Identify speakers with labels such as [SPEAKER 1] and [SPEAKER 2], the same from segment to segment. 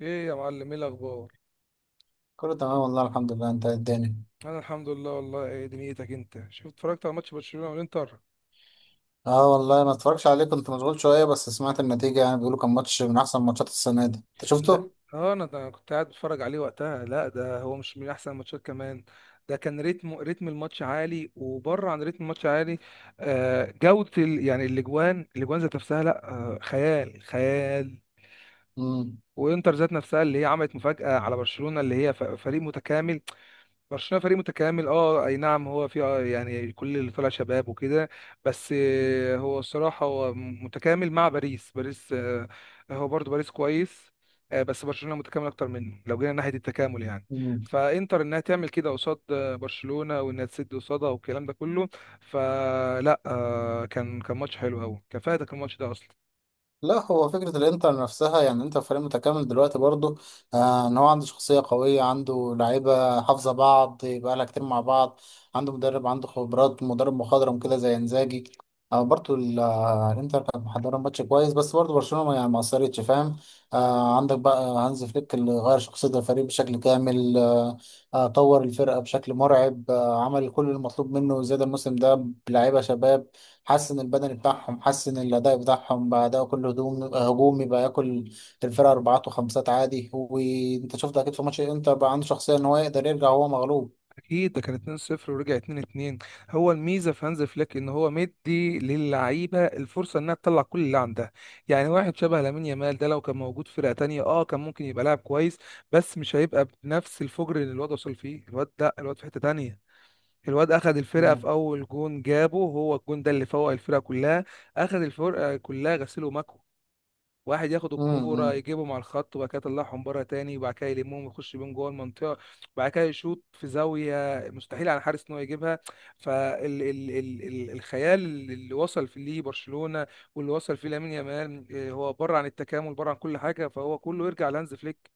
[SPEAKER 1] ايه يا معلم، ايه الاخبار؟
[SPEAKER 2] كله تمام والله الحمد لله. انت إيه الدنيا؟
[SPEAKER 1] انا الحمد لله والله. ايه دنيتك انت؟ شفت اتفرجت على ماتش برشلونة والانتر؟
[SPEAKER 2] اه والله ما اتفرجش عليه، كنت مشغول شويه. بس سمعت النتيجه يعني بيقولوا كان ماتش من احسن ماتشات السنه دي. انت
[SPEAKER 1] لا
[SPEAKER 2] شفته؟
[SPEAKER 1] اه انا ده كنت قاعد بتفرج عليه وقتها. لا ده هو مش من احسن الماتشات كمان. ده كان رتم الماتش عالي وبره عن رتم الماتش عالي. آه جودة يعني الاجوان ذات نفسها لا آه، خيال. وانتر ذات نفسها اللي هي عملت مفاجأة على برشلونة اللي هي فريق متكامل. برشلونة فريق متكامل، اه اي نعم. هو في يعني كل اللي طلع شباب وكده. بس هو الصراحة هو متكامل مع باريس. باريس هو برضو باريس كويس، بس برشلونة متكامل اكتر منه لو جينا ناحية التكامل يعني.
[SPEAKER 2] امم.
[SPEAKER 1] فانتر انها تعمل كده قصاد برشلونة، وانها تسد قصادها والكلام ده كله. فلا كان ماتش حلو قوي. كان فايتك الماتش ده اصلا.
[SPEAKER 2] لا هو فكرة الانتر نفسها يعني انت فريق متكامل دلوقتي برضه. ان هو عنده شخصية قوية، عنده لعيبة حافظة بعض بقالها كتير مع بعض. عنده مدرب، عنده خبرات مدرب مخضرم كده زي انزاجي. آه برضه ال- آه، الانتر كانت محضرة ماتش كويس، بس برضه برشلونة يعني ما قصرتش فاهم. عندك بقى هانز فليك اللي غير شخصية الفريق بشكل كامل. طور الفرقة بشكل مرعب، عمل كل المطلوب منه زيادة الموسم ده بلعيبة شباب. حسن البدني بتاعهم، حسن الأداء بتاعهم بقى. ده كله هجوم هجوم يبقى ياكل الفرقة أربعات وخمسات عادي. وأنت شفت أكيد في ماتش الإنتر بقى عنده شخصية إن هو يقدر يرجع وهو مغلوب.
[SPEAKER 1] اكيد ده كان 2-0 ورجع 2-2. هو الميزه في هانز فليك ان هو مدي للعيبه الفرصه انها تطلع كل اللي عندها. يعني واحد شبه لامين يامال ده لو كان موجود في فرقه تانية اه كان ممكن يبقى لاعب كويس، بس مش هيبقى بنفس الفجر اللي الواد وصل فيه. الواد ده الواد في حته تانية. الواد اخذ الفرقه
[SPEAKER 2] مم.
[SPEAKER 1] في اول جون جابه، هو الجون ده اللي فوق الفرقه كلها. اخذ الفرقه كلها غسيل ومكوى. واحد ياخد
[SPEAKER 2] مم.
[SPEAKER 1] الكوره
[SPEAKER 2] مم.
[SPEAKER 1] يجيبهم على الخط وبعد كده يطلعهم بره تاني وبعد كده يلمهم ويخش بيهم جوه المنطقه، وبعد كده يشوط في زاويه مستحيل على الحارس ان هو يجيبها. فالخيال اللي وصل فيه ليه برشلونه واللي وصل فيه لامين يامال، هو بره عن التكامل بره عن كل حاجه، فهو كله يرجع لهانز فليك.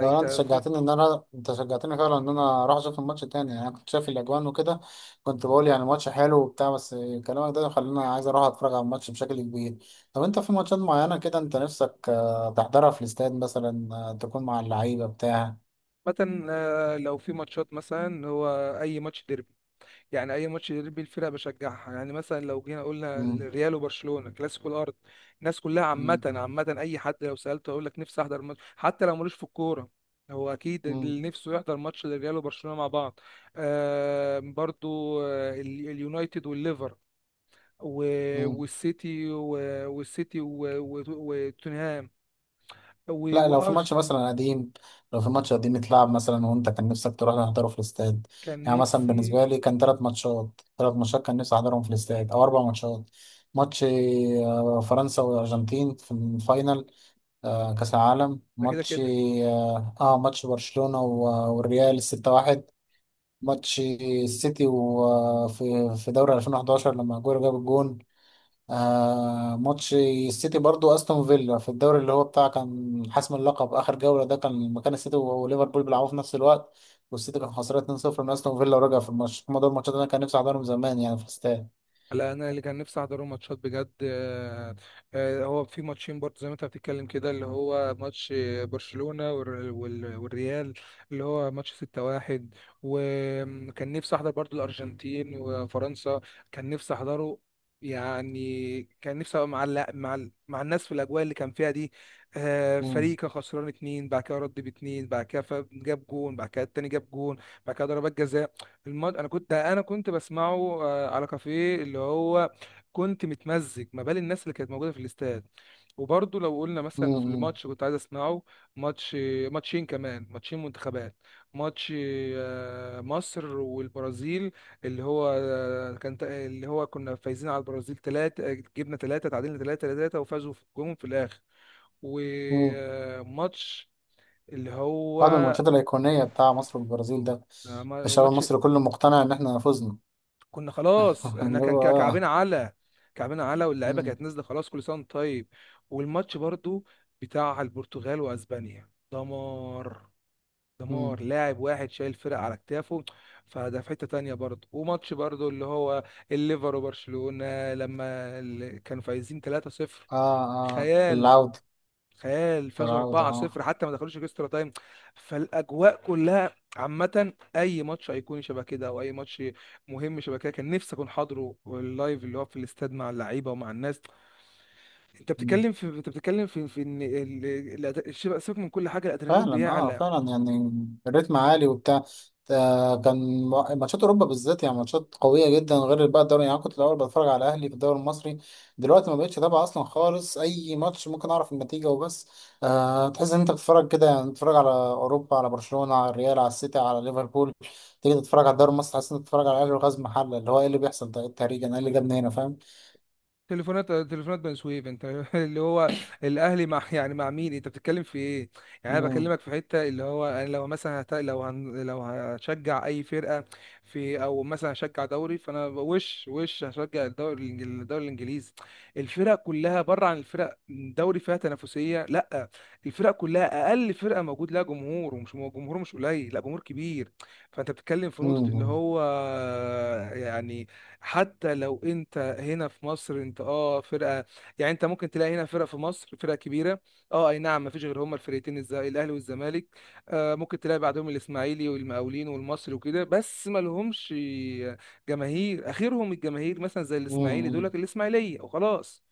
[SPEAKER 2] لو
[SPEAKER 1] في-
[SPEAKER 2] أنت شجعتني فعلا إن أنا أروح أشوف الماتش تاني. يعني أنا كنت شايف الأجوان وكده، كنت بقول يعني الماتش حلو وبتاع بس. كلامك ده خلاني عايز أروح أتفرج على الماتش بشكل كبير. طب أنت في ماتشات معينة كده أنت نفسك تحضرها في الاستاد مثلا، تكون مع اللعيبة بتاع؟
[SPEAKER 1] مثلا لو في ماتشات مثلا، هو اي ماتش ديربي، يعني اي ماتش يدير بيه الفرقه بشجعها. يعني مثلا لو جينا قلنا
[SPEAKER 2] مم.
[SPEAKER 1] الريال وبرشلونه كلاسيكو الارض، الناس كلها عامه
[SPEAKER 2] مم.
[SPEAKER 1] عامه اي حد لو سالته هيقول لك نفسي احضر ماتش حتى لو ملوش في الكوره. هو اكيد
[SPEAKER 2] مم.
[SPEAKER 1] اللي نفسه يحضر ماتش للريال وبرشلونه مع بعض. آه برضو، اليونايتد والليفر
[SPEAKER 2] مم.
[SPEAKER 1] والسيتي وتوتنهام
[SPEAKER 2] لا لو في ماتش
[SPEAKER 1] وارسنال.
[SPEAKER 2] مثلا قديم، لو في ماتش قديم اتلعب مثلا وانت كان نفسك تروح تحضره في الاستاد.
[SPEAKER 1] كان
[SPEAKER 2] يعني مثلا
[SPEAKER 1] نفسي،
[SPEAKER 2] بالنسبه لي كان ثلاث ماتشات، كان نفسي احضرهم في الاستاد، او اربع ماتشات. ماتش فرنسا والارجنتين في الفاينل، كاس العالم.
[SPEAKER 1] ده كده
[SPEAKER 2] ماتش
[SPEAKER 1] كده.
[SPEAKER 2] ماتش برشلونه والريال 6-1. ماتش السيتي وفي في في دوري 2011 لما اجويرو جاب الجون. ماتش السيتي برضو استون فيلا في الدوري اللي هو بتاع كان حسم اللقب اخر جوله. ده كان مكان السيتي وليفربول بيلعبوا في نفس الوقت، والسيتي كان خسران 2-0 من استون فيلا ورجع في الماتش. هما دول الماتشات اللي انا كان نفسي احضرهم زمان يعني في الاستاد.
[SPEAKER 1] لا انا اللي كان نفسي احضره ماتشات بجد، هو في ماتشين برضه زي ما انت بتتكلم كده، اللي هو ماتش والريال، اللي هو ماتش 6-1. وكان نفسي احضر برضه الارجنتين وفرنسا، كان نفسي احضره. يعني كان نفسي ابقى مع مع الناس في الاجواء اللي كان فيها دي. فريق
[SPEAKER 2] امم.
[SPEAKER 1] كان خسران اتنين بعد كده رد باتنين بعد كده جاب جون بعد كده التاني جاب جون بعد كده ضربات جزاء. انا كنت بسمعه على كافيه اللي هو كنت متمزج ما بال الناس اللي كانت موجوده في الاستاد. وبرضه لو قلنا مثلا في
[SPEAKER 2] امم.
[SPEAKER 1] الماتش كنت عايز اسمعه. ماتش، ماتشين كمان، ماتشين منتخبات. ماتش مصر والبرازيل، اللي هو اللي هو كنا فايزين على البرازيل ثلاثة، جبنا ثلاثة تعادلنا ثلاثة ثلاثة، وفازوا في الجون في الاخر.
[SPEAKER 2] امم.
[SPEAKER 1] وماتش اللي هو
[SPEAKER 2] بعد من الماتشات الايقونيه بتاع مصر والبرازيل ده. الشعب
[SPEAKER 1] وماتش،
[SPEAKER 2] المصري كله مقتنع ان احنا فزنا.
[SPEAKER 1] كنا خلاص احنا
[SPEAKER 2] اللي
[SPEAKER 1] كان
[SPEAKER 2] هو. اه.
[SPEAKER 1] كعبنا على، كعبنا على، واللعيبه كانت
[SPEAKER 2] امم.
[SPEAKER 1] نازله خلاص، كل سنه وانت طيب. والماتش برضو بتاع البرتغال واسبانيا، دمار، دمار.
[SPEAKER 2] امم.
[SPEAKER 1] لاعب واحد شايل فرق على كتافه، فده في حته تانية برضو. وماتش برضو اللي هو الليفر وبرشلونه لما كانوا فايزين 3-0،
[SPEAKER 2] اه. اه
[SPEAKER 1] خيال.
[SPEAKER 2] العوده.
[SPEAKER 1] تخيل فازوا
[SPEAKER 2] العوده اه.
[SPEAKER 1] 4-0 حتى ما دخلوش اكسترا تايم. فالاجواء كلها عامه اي ماتش هيكون شبه كده، او اي ماتش مهم شبه كده، كان نفسي اكون حاضره اللايف اللي هو في الاستاد مع اللعيبه ومع الناس. انت بتتكلم في في ان سيبك من كل حاجه، الادرينالين
[SPEAKER 2] فعلا
[SPEAKER 1] بيعلى.
[SPEAKER 2] فعلا يعني الريتم عالي وبتاع. كان ماتشات اوروبا بالذات يعني ماتشات قويه جدا، غير بقى الدوري. يعني أنا كنت الاول بتفرج على الاهلي في الدوري المصري، دلوقتي ما بقتش اتابع اصلا خالص. اي ماتش ممكن اعرف النتيجه وبس. تحس ان انت بتتفرج كده، يعني بتتفرج على اوروبا، على برشلونه، على الريال، على السيتي، على ليفربول. تيجي تتفرج على الدوري المصري تحس انك بتتفرج على الاهلي وغاز محله. اللي هو ايه اللي بيحصل ده؟ إيه التهريج؟ انا ايه اللي جابني هنا فاهم؟
[SPEAKER 1] تليفونات، تليفونات بني سويف انت اللي هو الاهلي مع يعني مع مين؟ انت بتتكلم في ايه؟ يعني انا
[SPEAKER 2] مم.
[SPEAKER 1] بكلمك في حته اللي هو انا لو مثلا هت... لو هن... لو هشجع اي فرقه في، او مثلا هشجع دوري، فانا وش هشجع الدوري الدوري الانجليزي. الفرق كلها بره عن الفرق، دوري فيها تنافسيه لا، الفرق كلها اقل فرقه موجود لها جمهور، ومش جمهور مش قليل، لا جمهور كبير. فانت بتتكلم في نقطه اللي
[SPEAKER 2] مم.
[SPEAKER 1] هو يعني حتى لو انت هنا في مصر انت اه، فرقه، يعني انت ممكن تلاقي هنا فرقه في مصر فرقه كبيره، اه اي نعم. مفيش غير هما الفرقتين الاهلي والزمالك. آه ممكن تلاقي بعدهم الاسماعيلي والمقاولين والمصري وكده، بس ما لهمش جماهير. اخرهم الجماهير مثلا زي الاسماعيلي دول
[SPEAKER 2] مم.
[SPEAKER 1] لك الاسماعيليه وخلاص.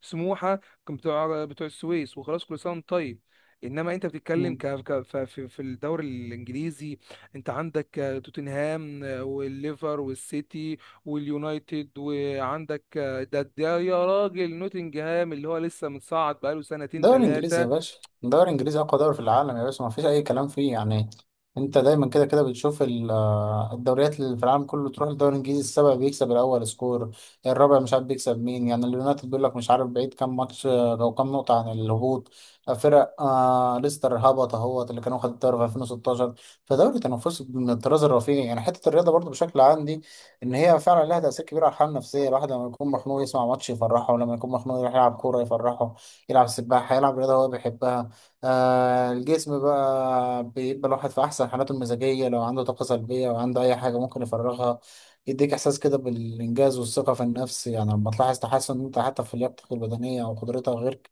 [SPEAKER 1] سموحه كان بتوع، بتوع السويس وخلاص، كل سنه وانت طيب. انما انت بتتكلم
[SPEAKER 2] مم.
[SPEAKER 1] ك... ك... ف- في في الدوري الانجليزي، انت عندك توتنهام والليفر والسيتي واليونايتد، وعندك ده ده يا راجل نوتنجهام اللي هو لسه متصعد بقاله سنتين
[SPEAKER 2] دوري انجليزي يا
[SPEAKER 1] ثلاثة.
[SPEAKER 2] باشا، دوري انجليزي اقوى دوري في العالم يا باشا، ما فيش اي كلام فيه يعني. انت دايما كده كده بتشوف الدوريات اللي في العالم كله، تروح الدوري الانجليزي السابع بيكسب الاول سكور، الرابع مش عارف بيكسب مين، يعني اليونايتد بيقول لك مش عارف بعيد كام ماتش لو كام نقطة عن الهبوط. فرق ليستر هبط اهوت اللي كانوا خدوا الدوري في 2016. فدوري تنافسي من الطراز الرفيع. يعني حتة الرياضة برضو بشكل عام دي ان هي فعلا لها تأثير كبير على الحالة النفسية. الواحد لما يكون مخنوق يسمع ماتش يفرحه، ولما يكون مخنوق يروح يلعب كورة يفرحه، يلعب سباحة، يلعب رياضة هو بيحبها. الجسم بقى بيبقى الواحد في أحسن حالاته المزاجية، لو عنده طاقة سلبية أو عنده أي حاجة ممكن يفرغها. يديك إحساس كده بالإنجاز والثقة في النفس، يعني لما تلاحظ تحسن أنت حتى في لياقتك البدنية أو قدرتها.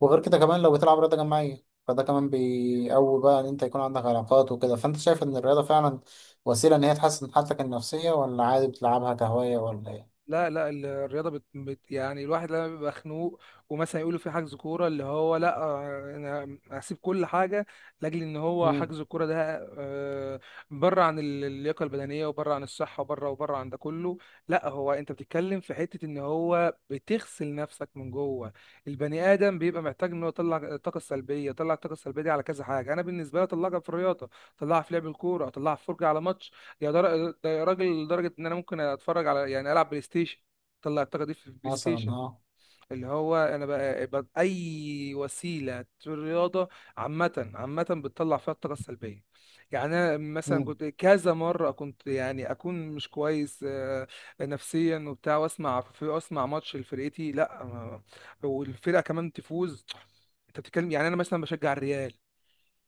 [SPEAKER 2] وغير كده كمان لو بتلعب رياضة جماعية، فده كمان بيقوي بقى إن أنت يكون عندك علاقات وكده. فأنت شايف إن الرياضة فعلا وسيلة إن هي تحسن حالتك النفسية، ولا عادي بتلعبها كهواية ولا إيه؟
[SPEAKER 1] لا لا، الرياضه يعني الواحد لما بيبقى خنوق ومثلا يقولوا في حجز كوره اللي هو لا، انا هسيب كل حاجه لاجل ان هو
[SPEAKER 2] مم،
[SPEAKER 1] حجز الكوره ده. آه، بره عن اللياقه البدنيه وبره عن الصحه وبره وبره عن ده كله، لا. هو انت بتتكلم في حته ان هو بتغسل نفسك من جوه. البني ادم بيبقى محتاج ان هو يطلع الطاقه السلبيه. يطلع الطاقه السلبيه دي على كذا حاجه، انا بالنسبه لي اطلعها في الرياضه، اطلعها في لعب الكوره، اطلعها في فرجه على ماتش. ده يا راجل لدرجة إن أنا ممكن أتفرج على، يعني ألعب بلاي ستيشن. طلع الطاقة دي في البلاي
[SPEAKER 2] مثلا
[SPEAKER 1] ستيشن
[SPEAKER 2] أه.
[SPEAKER 1] اللي هو. أنا بقى أي وسيلة رياضة عامة بتطلع فيها الطاقة السلبية. يعني أنا مثلا
[SPEAKER 2] مم،
[SPEAKER 1] كنت كذا مرة كنت يعني أكون مش كويس، نفسيا وبتاع، وأسمع أسمع ماتش لفرقتي، لأ ما- والفرقة كمان تفوز. أنت بتتكلم يعني أنا مثلا بشجع الريال،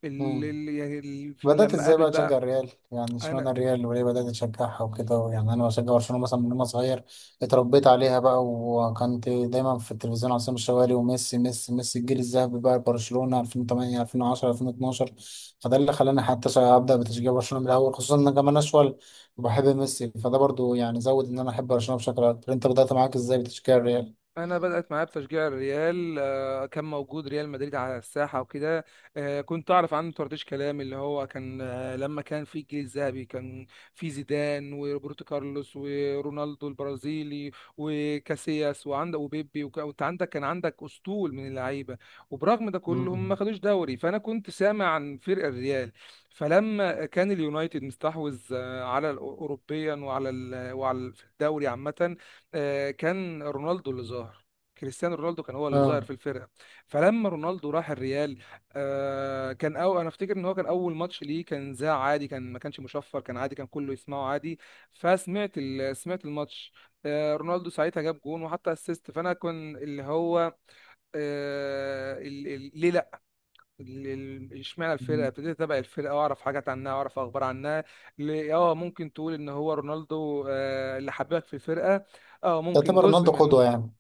[SPEAKER 2] مم.
[SPEAKER 1] يعني
[SPEAKER 2] بدأت
[SPEAKER 1] لما
[SPEAKER 2] ازاي
[SPEAKER 1] قابل
[SPEAKER 2] بقى تشجع
[SPEAKER 1] بقى.
[SPEAKER 2] الريال؟ يعني
[SPEAKER 1] انا
[SPEAKER 2] اشمعنى الريال وليه بدأت تشجعها وكده؟ يعني انا بشجع برشلونة مثلا من وانا صغير، اتربيت عليها بقى. وكنت دايما في التلفزيون عصام الشوالي، وميسي ميسي ميسي الجيل الذهبي بقى برشلونة 2008 2010 2012. فده اللي خلاني حتى ابدأ بتشجيع برشلونة من الاول، خصوصا ان انا كمان اشول وبحب ميسي، فده برضو يعني زود ان انا احب برشلونة بشكل اكبر. انت بدأت معاك ازاي بتشجيع الريال؟
[SPEAKER 1] انا بدات معايا بتشجيع الريال، كان موجود ريال مدريد على الساحه وكده. كنت اعرف عنه طرطيش كلام، اللي هو كان لما كان في الجيل الذهبي كان في زيدان وروبرتو كارلوس ورونالدو البرازيلي وكاسياس وعندك وبيبي وانت عندك كان عندك اسطول من اللعيبه. وبرغم ده كله هم ما
[SPEAKER 2] مم.
[SPEAKER 1] خدوش دوري، فانا كنت سامع عن فرق الريال. فلما كان اليونايتد مستحوذ على اوروبيا وعلى وعلى الدوري عامه، كان رونالدو اللي ظاهر. كريستيانو رونالدو كان هو اللي
[SPEAKER 2] اه
[SPEAKER 1] ظاهر في الفرقه. فلما رونالدو راح الريال، كان، أو انا افتكر ان هو كان اول ماتش ليه كان ذاع عادي، كان ما كانش مشفر، كان عادي كان كله يسمعه عادي. فسمعت سمعت الماتش، رونالدو ساعتها جاب جون وحتى اسيست. فانا كان اللي هو آه، ال- ال- ليه اشمعنى الفرقه، ابتديت اتابع الفرقه واعرف حاجات عنها واعرف اخبار عنها. اه ممكن تقول ان هو رونالدو اللي حببك في الفرقه. اه ممكن
[SPEAKER 2] تعتبر
[SPEAKER 1] جزء
[SPEAKER 2] رونالدو
[SPEAKER 1] منه،
[SPEAKER 2] قدوة يعني؟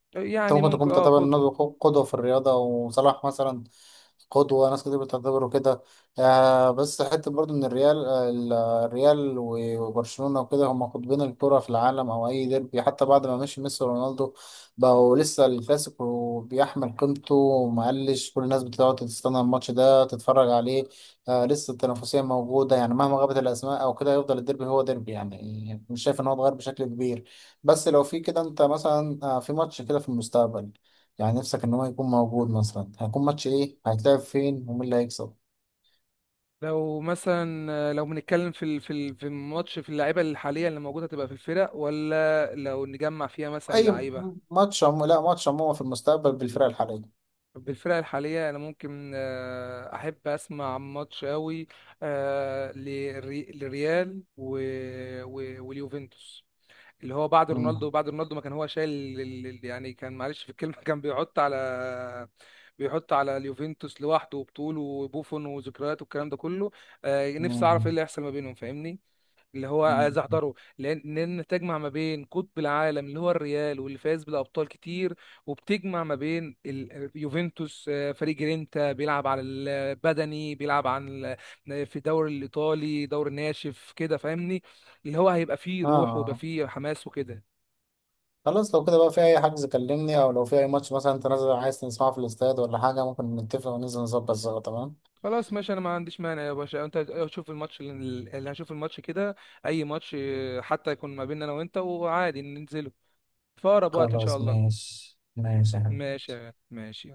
[SPEAKER 2] انت
[SPEAKER 1] يعني
[SPEAKER 2] ممكن تكون
[SPEAKER 1] ممكن اه
[SPEAKER 2] بتعتبر
[SPEAKER 1] كله.
[SPEAKER 2] رونالدو قدوة في الرياضة، وصلاح مثلا قدوة، ناس كتير بتعتبره كده. بس حتة برضو إن الريال، الريال وبرشلونة وكده هم قطبين الكرة في العالم، أو أي ديربي حتى بعد ما مشي ميسي ورونالدو بقوا لسه الكلاسيكو بيحمل قيمته، ومقلش كل الناس بتقعد تستنى الماتش ده تتفرج عليه. لسه التنافسية موجودة يعني مهما غابت الأسماء أو كده، يفضل الديربي هو ديربي. يعني مش شايف إن هو اتغير بشكل كبير. بس لو في كده أنت مثلا في ماتش كده في المستقبل يعني نفسك ان هو يكون موجود، مثلا هيكون ماتش ايه؟ هيتلعب فين؟ ومين اللي هيكسب؟
[SPEAKER 1] لو مثلا لو بنتكلم في في الماتش في اللعيبه اللي حاليا اللي موجوده تبقى في الفرق، ولا لو نجمع فيها مثلا
[SPEAKER 2] اي
[SPEAKER 1] لعيبه
[SPEAKER 2] ماتش لا ماتش عموما في المستقبل بالفرق الحاليه.
[SPEAKER 1] بالفرق الحاليه. انا ممكن احب اسمع ماتش قوي للريال واليوفنتوس، اللي هو بعد رونالدو.
[SPEAKER 2] مم.
[SPEAKER 1] بعد رونالدو ما كان هو شايل يعني كان، معلش في الكلمة كان بيحط على، بيحط على اليوفنتوس لوحده وبطوله وبوفون وذكريات والكلام ده كله. نفسي اعرف ايه
[SPEAKER 2] مم.
[SPEAKER 1] اللي هيحصل ما بينهم فاهمني؟ اللي هو عايز
[SPEAKER 2] مم.
[SPEAKER 1] احضره لان، لان تجمع ما بين قطب العالم اللي هو الريال واللي فاز بالابطال كتير، وبتجمع ما بين يوفنتوس فريق جرينتا بيلعب على البدني بيلعب عن في الدوري الايطالي، دوري ناشف كده فاهمني؟ اللي هو هيبقى فيه روح ويبقى
[SPEAKER 2] اه.
[SPEAKER 1] فيه حماس وكده.
[SPEAKER 2] خلاص لو كده بقى في اي حجز كلمني، او لو في اي ماتش مثلا انت نازل عايز تسمعه في الاستاد ولا حاجه ممكن نتفق وننزل نظبط سوا تمام.
[SPEAKER 1] خلاص ماشي، انا ما عنديش مانع يا باشا. انت شوف الماتش اللي، اللي هشوف الماتش كده اي ماتش، حتى يكون ما بيننا انا وانت، وعادي ننزله في اقرب وقت ان
[SPEAKER 2] خلاص
[SPEAKER 1] شاء الله.
[SPEAKER 2] ماشي ماشي يا حبيبي.
[SPEAKER 1] ماشي يا غالي، ماشي.